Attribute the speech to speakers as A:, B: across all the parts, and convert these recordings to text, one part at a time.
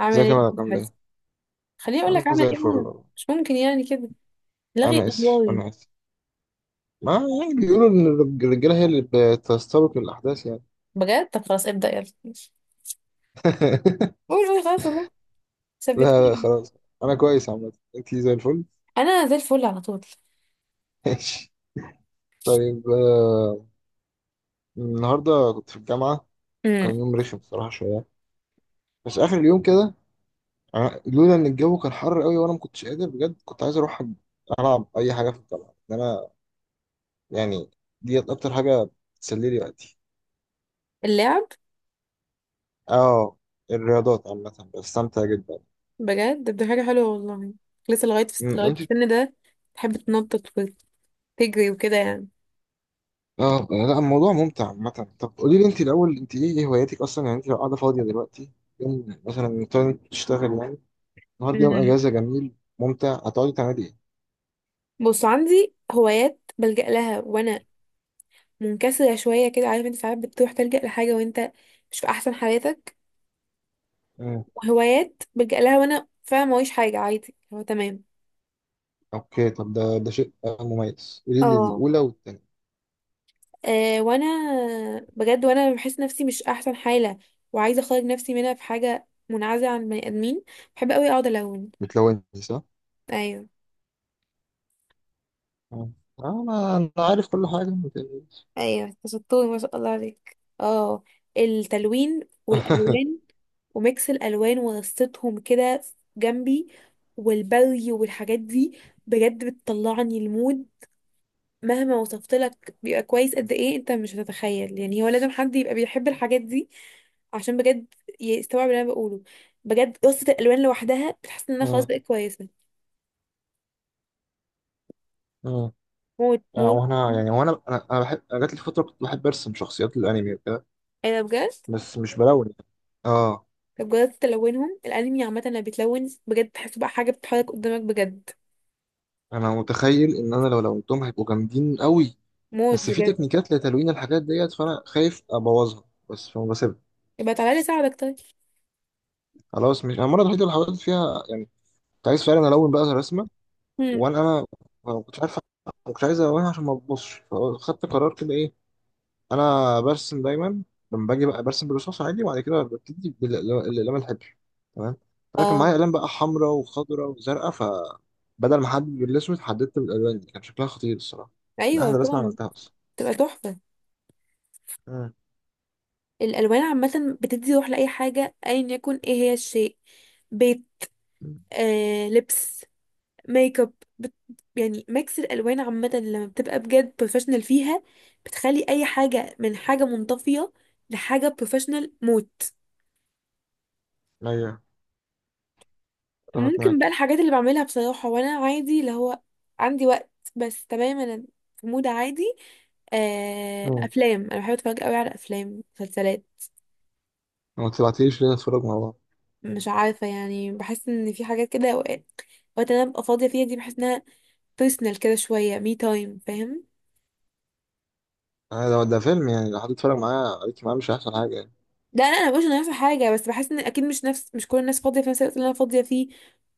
A: اعمل
B: ازيك
A: ايه
B: يا مالك،
A: في
B: عامل
A: حياتي.
B: ايه؟
A: خليني اقول
B: انا
A: لك اعمل
B: زي
A: ايه
B: الفل
A: بقى.
B: والله.
A: مش ممكن يعني كده. لغي
B: انا اسف
A: الله.
B: انا اسف ما يعني بيقولوا ان الرجاله هي اللي بتستبق الاحداث يعني.
A: بجد طب خلاص ابدا يلا ماشي. قول قول خلاص والله.
B: لا لا،
A: ثبتني.
B: خلاص. انا كويس، عامه انت زي الفل.
A: انا زي الفل على طول.
B: ماشي. طيب، النهارده كنت في الجامعه.
A: امم
B: كان يوم رخم بصراحه شويه، بس اخر اليوم كده لولا ان الجو كان حر قوي وانا ما كنتش قادر بجد، كنت عايز اروح العب اي حاجه في الجامعه. ان انا يعني ديت اكتر حاجه بتسلي لي وقتي.
A: اللعب.
B: اه، الرياضات عامه بستمتع جدا.
A: بجد ده حاجه حلوه والله. لسه لغايه في
B: انت؟
A: السن ده. تحب تنطط وتجري وكده يعني.
B: اه لا، الموضوع ممتع عامة. طب قولي لي انت الاول، انت ايه هواياتك اصلا؟ يعني انت لو قاعده فاضيه دلوقتي، يوم مثلا تقعدي تشتغل، يعني النهارده يوم
A: امم
B: اجازه جميل ممتع، هتقعدي تعملي ايه؟
A: بص عندي هوايات بلجأ لها وانا منكسره شويه كده، عارف انت ساعات بتروح تلجأ لحاجه وانت مش في احسن حالاتك،
B: مم.
A: وهوايات بلجأ لها وانا فعلا موريش حاجه عادي هو تمام.
B: اوكي، طب ده شيء مميز. قولي لي
A: اه.
B: الاولى والثانيه.
A: وانا بجد وانا بحس نفسي مش احسن حالة وعايزة اخرج نفسي منها، في حاجة منعزلة عن بني ادمين بحب قوي اقعد الون.
B: بتلوني صح؟
A: ايوه.
B: مم. اه، انا عارف كل حاجه، ما تقلقيش.
A: ايوه أنت شطور، ما شاء الله عليك. اه التلوين والالوان وميكس الالوان ورصتهم كده جنبي والبري والحاجات دي بجد بتطلعني المود. مهما وصفت لك بيبقى كويس قد ايه انت مش هتتخيل، يعني هو لازم حد يبقى بيحب الحاجات دي عشان بجد يستوعب اللي انا بقوله. بجد قصة الالوان لوحدها بتحس ان انا خلاص
B: اه،
A: بقيت كويسة.
B: اه،
A: موت موت
B: وانا
A: موت.
B: يعني وانا انا انا بحب. أنا جات لي فتره كنت بحب ارسم شخصيات الانمي وكده،
A: ايه ده بجد.
B: بس مش بلون. اه.
A: طب جربت تلونهم؟ الانمي عامة لما بيتلون بجد تحسه بقى حاجة بتتحرك قدامك بجد،
B: انا متخيل ان انا لو لونتهم هيبقوا جامدين قوي،
A: موت
B: بس في
A: بجد.
B: تكنيكات لتلوين الحاجات ديت فانا خايف ابوظها. بس فما بسيبها.
A: يبقى تعالى لي ساعدك طيب.
B: خلاص، مش انا المره الوحيده اللي حاولت فيها، يعني كنت عايز فعلا الون بقى رسمه.
A: هم.
B: وانا ما كنتش عارف، ما كنتش عايز الونها عشان ما تبصش، فخدت قرار كده. ايه، انا برسم دايما. لما باجي بقى برسم بالرصاص عادي، وبعد كده ببتدي بالاقلام الحبر، تمام؟ فانا كان معايا
A: اه.
B: اقلام بقى حمراء وخضراء وزرقاء، فبدل ما احدد بالاسود حددت بالالوان دي. كان شكلها خطير الصراحه، من
A: ايوه
B: احلى رسمه
A: طبعا.
B: عملتها اصلا.
A: تبقى تحفة.
B: امم
A: الالوان عامة بتدي روح لاي حاجة ايا يكن ايه هي الشيء، بيت، آه لبس، ميك اب، بت... يعني ميكس الالوان عامه لما بتبقى بجد بروفيشنال فيها، بتخلي اي حاجه من حاجه منطفيه لحاجه بروفيشنال موت.
B: ايوه، اتفق
A: ممكن
B: معاك.
A: بقى الحاجات اللي بعملها بصراحه وانا عادي اللي هو عندي وقت بس تمام انا في مود عادي. افلام، انا بحب اتفرج قوي على افلام مسلسلات.
B: ما تبعتليش ليه نتفرج مع بعض؟
A: مش عارفه يعني، بحس ان في حاجات كده اوقات وقت انا ببقى فاضيه فيها دي بحس انها بيرسونال كده شويه، مي تايم، فاهم؟
B: ده فيلم يعني، لو حد اتفرج معايا عليك معاه مش هيحصل حاجة يعني.
A: ده انا مش انا في حاجه، بس بحس ان اكيد مش كل الناس فاضيه في نفس الوقت اللي انا فاضيه فيه،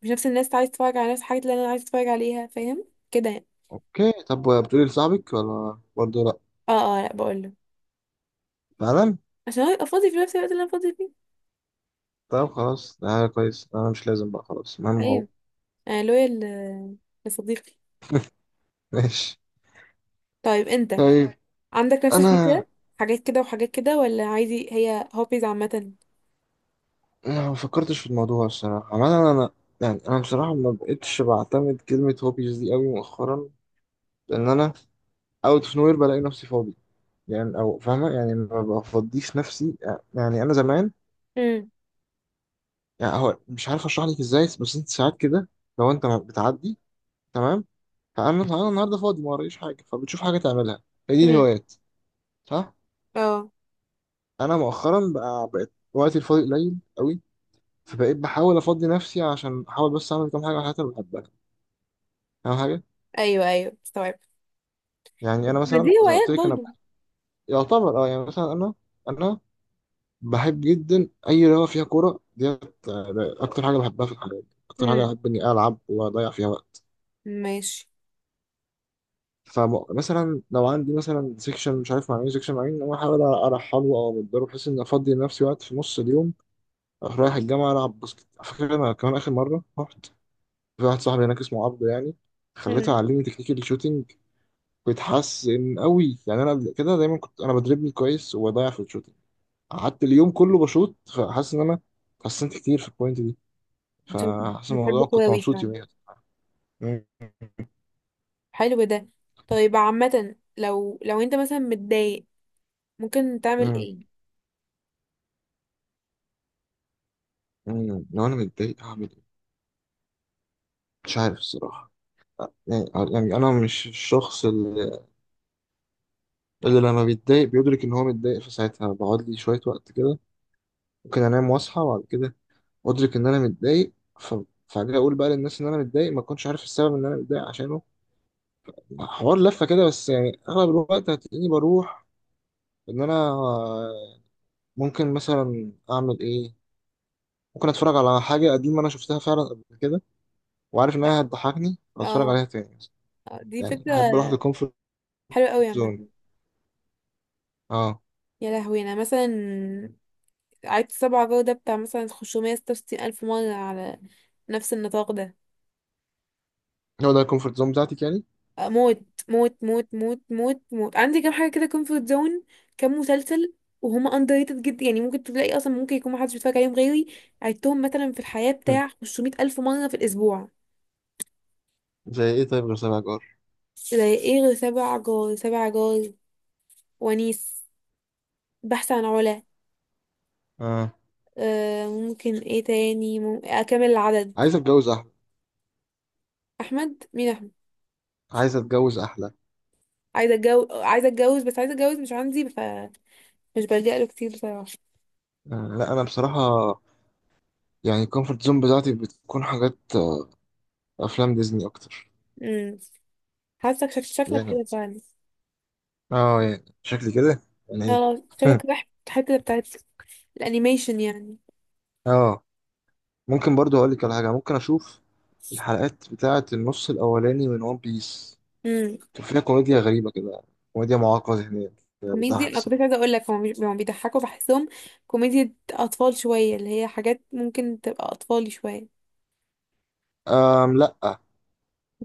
A: مش نفس الناس عايز تتفرج على نفس الحاجات اللي انا عايز اتفرج عليها، فاهم كده يعني.
B: اوكي، طب بتقولي لصاحبك، ولا برضه لا؟
A: اه اه، لا بقول له،
B: فعلا.
A: عشان هو يبقى فاضي في نفس الوقت اللي انا فاضيه فيه.
B: طب خلاص، ده حاجة كويس. انا مش لازم بقى، خلاص، المهم هو.
A: ايوه. انا لويا لصديقي.
B: ماشي.
A: طيب انت
B: طيب،
A: عندك نفس
B: انا
A: الفكره؟ حاجات كده وحاجات كده ولا عادي هي هوبيز عامه؟
B: أنا ما فكرتش في الموضوع الصراحة. عمال انا يعني، انا بصراحة ما بقتش بعتمد كلمة هوبيز دي قوي مؤخرا، لان انا اوت اوف نوير بلاقي نفسي فاضي. يعني او فاهمة؟ يعني ما بفضيش نفسي. يعني انا زمان،
A: امم
B: يعني هو مش عارف اشرح لك ازاي، بس انت ساعات كده لو انت بتعدي، تمام؟ فانا النهارده فاضي ما ورايش حاجه، فبتشوف حاجه تعملها. هي دي
A: امم.
B: الهوايات، صح؟
A: اه
B: انا مؤخرا بقى بقيت وقتي الفاضي قليل قوي، فبقيت بحاول افضي نفسي عشان احاول بس اعمل كام حاجه من الحاجات اللي بحبها، اهم حاجه.
A: ايوه ايوه استوعب.
B: يعني انا
A: ما دي
B: مثلا زي ما
A: هوايات
B: قلت لك، انا
A: برضه.
B: بحب يعتبر اه يعني مثلا انا بحب جدا اي رياضه فيها كوره ديت. اكتر حاجه بحبها في الحياه، اكتر حاجه
A: امم
B: بحب اني العب واضيع فيها وقت.
A: ماشي.
B: فمثلا لو عندي مثلا سيكشن مش عارف مع مين، سيكشن مع مين، انا احاول ارحله او امدله بحيث ان افضي لنفسي وقت في نص اليوم، اروح رايح الجامعه العب باسكت. على فكره انا كمان اخر مره رحت، في واحد صاحبي هناك اسمه عبده يعني، خليته
A: امم
B: يعلمني تكنيك الشوتينج. بيتحسن قوي يعني. انا قبل كده دايما كنت انا بدربني كويس وبضيع في الشوتينج، قعدت اليوم كله بشوط فحاسس ان انا اتحسنت كتير في البوينت دي. فحاسس
A: بحب
B: الموضوع، كنت
A: كواوي
B: مبسوط
A: فعلا.
B: يوميا. مم.
A: حلو ده. طيب عامة لو انت مثلا متضايق، ممكن تعمل
B: مم.
A: ايه؟
B: مم. لو انا متضايق هعمل ايه؟ مش عارف الصراحه. يعني، يعني انا مش الشخص اللي لما بيتضايق بيدرك ان هو متضايق في ساعتها. بقعد لي شويه وقت كده، ممكن انام واصحى، وبعد كده ادرك ان انا متضايق. ف... فاجي اقول بقى للناس ان انا متضايق، ما اكونش عارف السبب ان انا متضايق عشانه. حوار لفه كده، بس يعني اغلب الوقت هتلاقيني بروح. ان انا، ممكن مثلا اعمل ايه؟ ممكن اتفرج على حاجه قديمه انا شفتها فعلا قبل كده، وعارف انها هتضحكني، واتفرج
A: اه.
B: عليها تاني.
A: آه، دي
B: يعني
A: فكرة
B: احب اروح للكومفورت
A: حلوة قوي عامة.
B: زون. اه،
A: يا لهوي، انا مثلا عدت سبعة جو ده بتاع مثلا 566,000 ألف مرة على نفس النطاق ده.
B: هو ده الكومفورت زون بتاعتي يعني.
A: آه، موت موت موت موت موت موت. عندي كام حاجة كده كومفورت زون، كام مسلسل وهما underrated جدا، يعني ممكن تلاقي اصلا ممكن يكون محدش بيتفرج عليهم غيري، عدتهم مثلا في الحياة بتاع 500,000 ألف مرة في الأسبوع.
B: زي ايه؟ طيب غير سبع جار،
A: زي ايه غير سبع جار؟ سبع جار، ونيس، بحث عن علا،
B: اه،
A: آه ممكن ايه تاني اكمل العدد.
B: عايز اتجوز احلى.
A: احمد، مين احمد.
B: عايز اتجوز احلى.
A: عايزه اتجوز، عايزه اتجوز، بس عايزه اتجوز مش عندي، فمش بلجأ له كتير بصراحه.
B: لا انا بصراحه يعني الكومفورت زون بتاعتي بتكون حاجات، افلام ديزني اكتر.
A: امم حاسك شكلك
B: يعني.
A: كده فعلا.
B: اه، يعني شكلي كده. يعني
A: اه
B: ايه؟
A: شكلك رايح الحته بتاعت الانيميشن يعني.
B: اه. ممكن برضو اقول لك على حاجه ممكن اشوف، الحلقات بتاعه النص الاولاني من ون بيس
A: امم
B: كان فيها كوميديا غريبه كده، كوميديا معاقه ذهنيا كده،
A: كوميديا،
B: بتضحك
A: انا كنت عايزه
B: الصراحه.
A: اقول لك هم هم بيضحكوا بحسهم كوميديا اطفال شويه، اللي هي حاجات ممكن تبقى اطفالي شويه.
B: لا،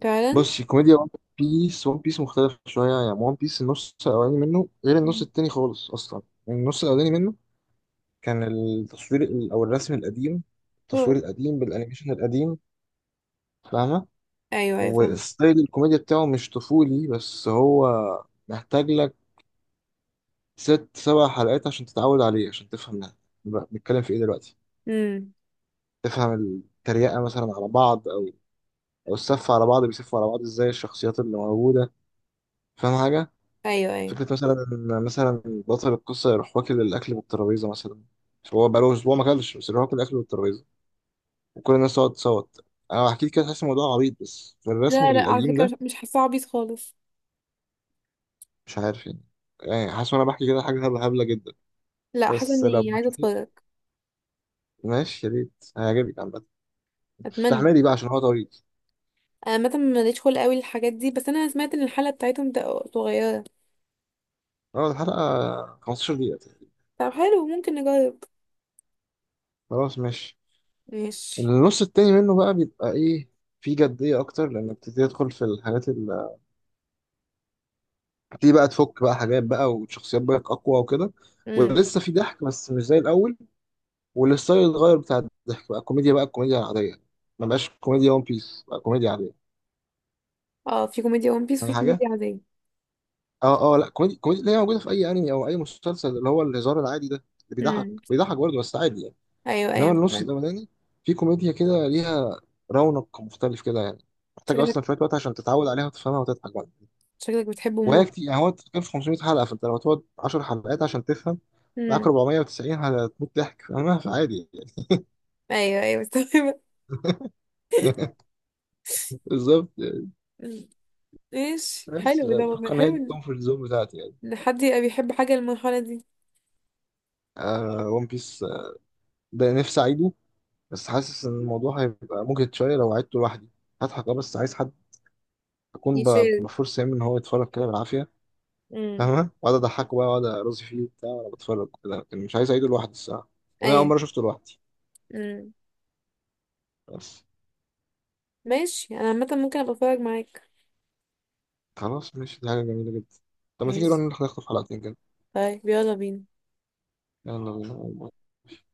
A: فعلا.
B: بصي، كوميديا ون بيس مختلف شوية يعني. ون بيس النص الأولاني منه غير النص
A: مم.
B: التاني خالص أصلا. النص الأولاني منه كان التصوير أو الرسم القديم، التصوير القديم بالأنيميشن القديم، فاهمة؟
A: ايوه ايوه فاهمة.
B: وستايل الكوميديا بتاعه مش طفولي، بس هو محتاج لك ست سبع حلقات عشان تتعود عليه، عشان تفهم ده. بنتكلم في إيه دلوقتي؟
A: امم
B: تفهم التريقة مثلا على بعض، أو السف على بعض، بيسفوا على بعض إزاي الشخصيات اللي موجودة. فاهم حاجة؟
A: ايوه ايوه.
B: فكرة مثلا بطل القصة يروح واكل الأكل من الترابيزة مثلا، مش هو بقاله أسبوع ما أكلش، بس يروح ياكل الأكل من الترابيزة وكل الناس تقعد تصوت. أنا بحكي كده تحس الموضوع عبيط بس في الرسم
A: لا لا على
B: القديم
A: فكرة
B: ده،
A: مش، مش حاسة عبيط خالص.
B: مش عارف يعني. يعني حاسس وأنا بحكي كده حاجة هبلة هبلة جدا.
A: لا حاسة
B: بس لو
A: اني عايزة
B: بتشوفيه،
A: اتفرج.
B: ماشي، يا ريت هيعجبك عامة.
A: اتمنى.
B: استحملي بقى عشان هو طويل.
A: انا مثلا ماليش خلق قوي للحاجات دي، بس انا سمعت ان الحلقة بتاعتهم صغيرة.
B: اه، الحلقة 15 دقيقة تقريباً.
A: طب حلو ممكن نجرب.
B: خلاص ماشي.
A: ماشي.
B: النص التاني منه بقى بيبقى إيه، فيه جدية أكتر، لأنك بتبتدي تدخل في الحاجات. تبتدي بقى تفك بقى حاجات بقى وشخصيات بقى اقوى وكده.
A: امم
B: ولسه في ضحك بس مش زي الاول، والستايل اتغير بتاع الضحك، بقى كوميديا، بقى كوميديا عاديه. ما بقاش كوميديا ون بيس، بقى كوميديا عاديه،
A: اه. في كوميديا ون بيس
B: فاهم
A: وفي
B: حاجه؟
A: كوميديا عادية.
B: اه، اه، لا، كوميديا اللي هي موجوده في اي انمي او اي مسلسل، اللي هو الهزار العادي ده، اللي بيضحك
A: امم
B: بيضحك برضه بس عادي يعني.
A: ايوه ايوه
B: انما النص
A: مستوعبة.
B: الاولاني في كوميديا كده ليها رونق مختلف كده يعني، محتاج
A: شكلك
B: اصلا شويه وقت عشان تتعود عليها وتفهمها وتضحك بقى.
A: شكلك بتحبه
B: وهي
A: موت.
B: كتير يعني، هو كان في 500 حلقة، فانت لو تقعد 10 حلقات عشان تفهم معاك،
A: امم
B: 490 هتموت ضحك. فاهمها؟ فعادي يعني.
A: ايوه ايوه مستوعبة.
B: بالظبط يعني.
A: مم. ماشي
B: بس
A: حلو ده والله،
B: اتوقع ان هي
A: حلو
B: دي
A: ان
B: الكومفورت زون بتاعتي يعني.
A: إن حد يبقى بيحب حاجة المرحلة دي.
B: ون بيس ده نفسي اعيده، بس حاسس ان الموضوع هيبقى مجهد شوية لو عدته لوحدي. هضحك اه بس عايز حد، اكون
A: يشير.
B: بفرصة يعني ان هو يتفرج كده بالعافية.
A: امم
B: فاهمة؟ واقعد اضحكه بقى، واقعد ارازي فيه وبتاع وانا بتفرج كده. لكن مش عايز اعيده لوحدي الصراحة، لأن انا اول
A: ايوه.
B: مرة شفته لوحدي
A: امم
B: بس.
A: ماشي، انا عامة ممكن ابقى اتفرج معاك.
B: خلاص ماشي، دي حاجة جميلة جدا. طب ما تيجي نروح
A: ماشي.
B: نخطف حلقتين كده؟
A: طيب يلا بينا.
B: يلا بينا.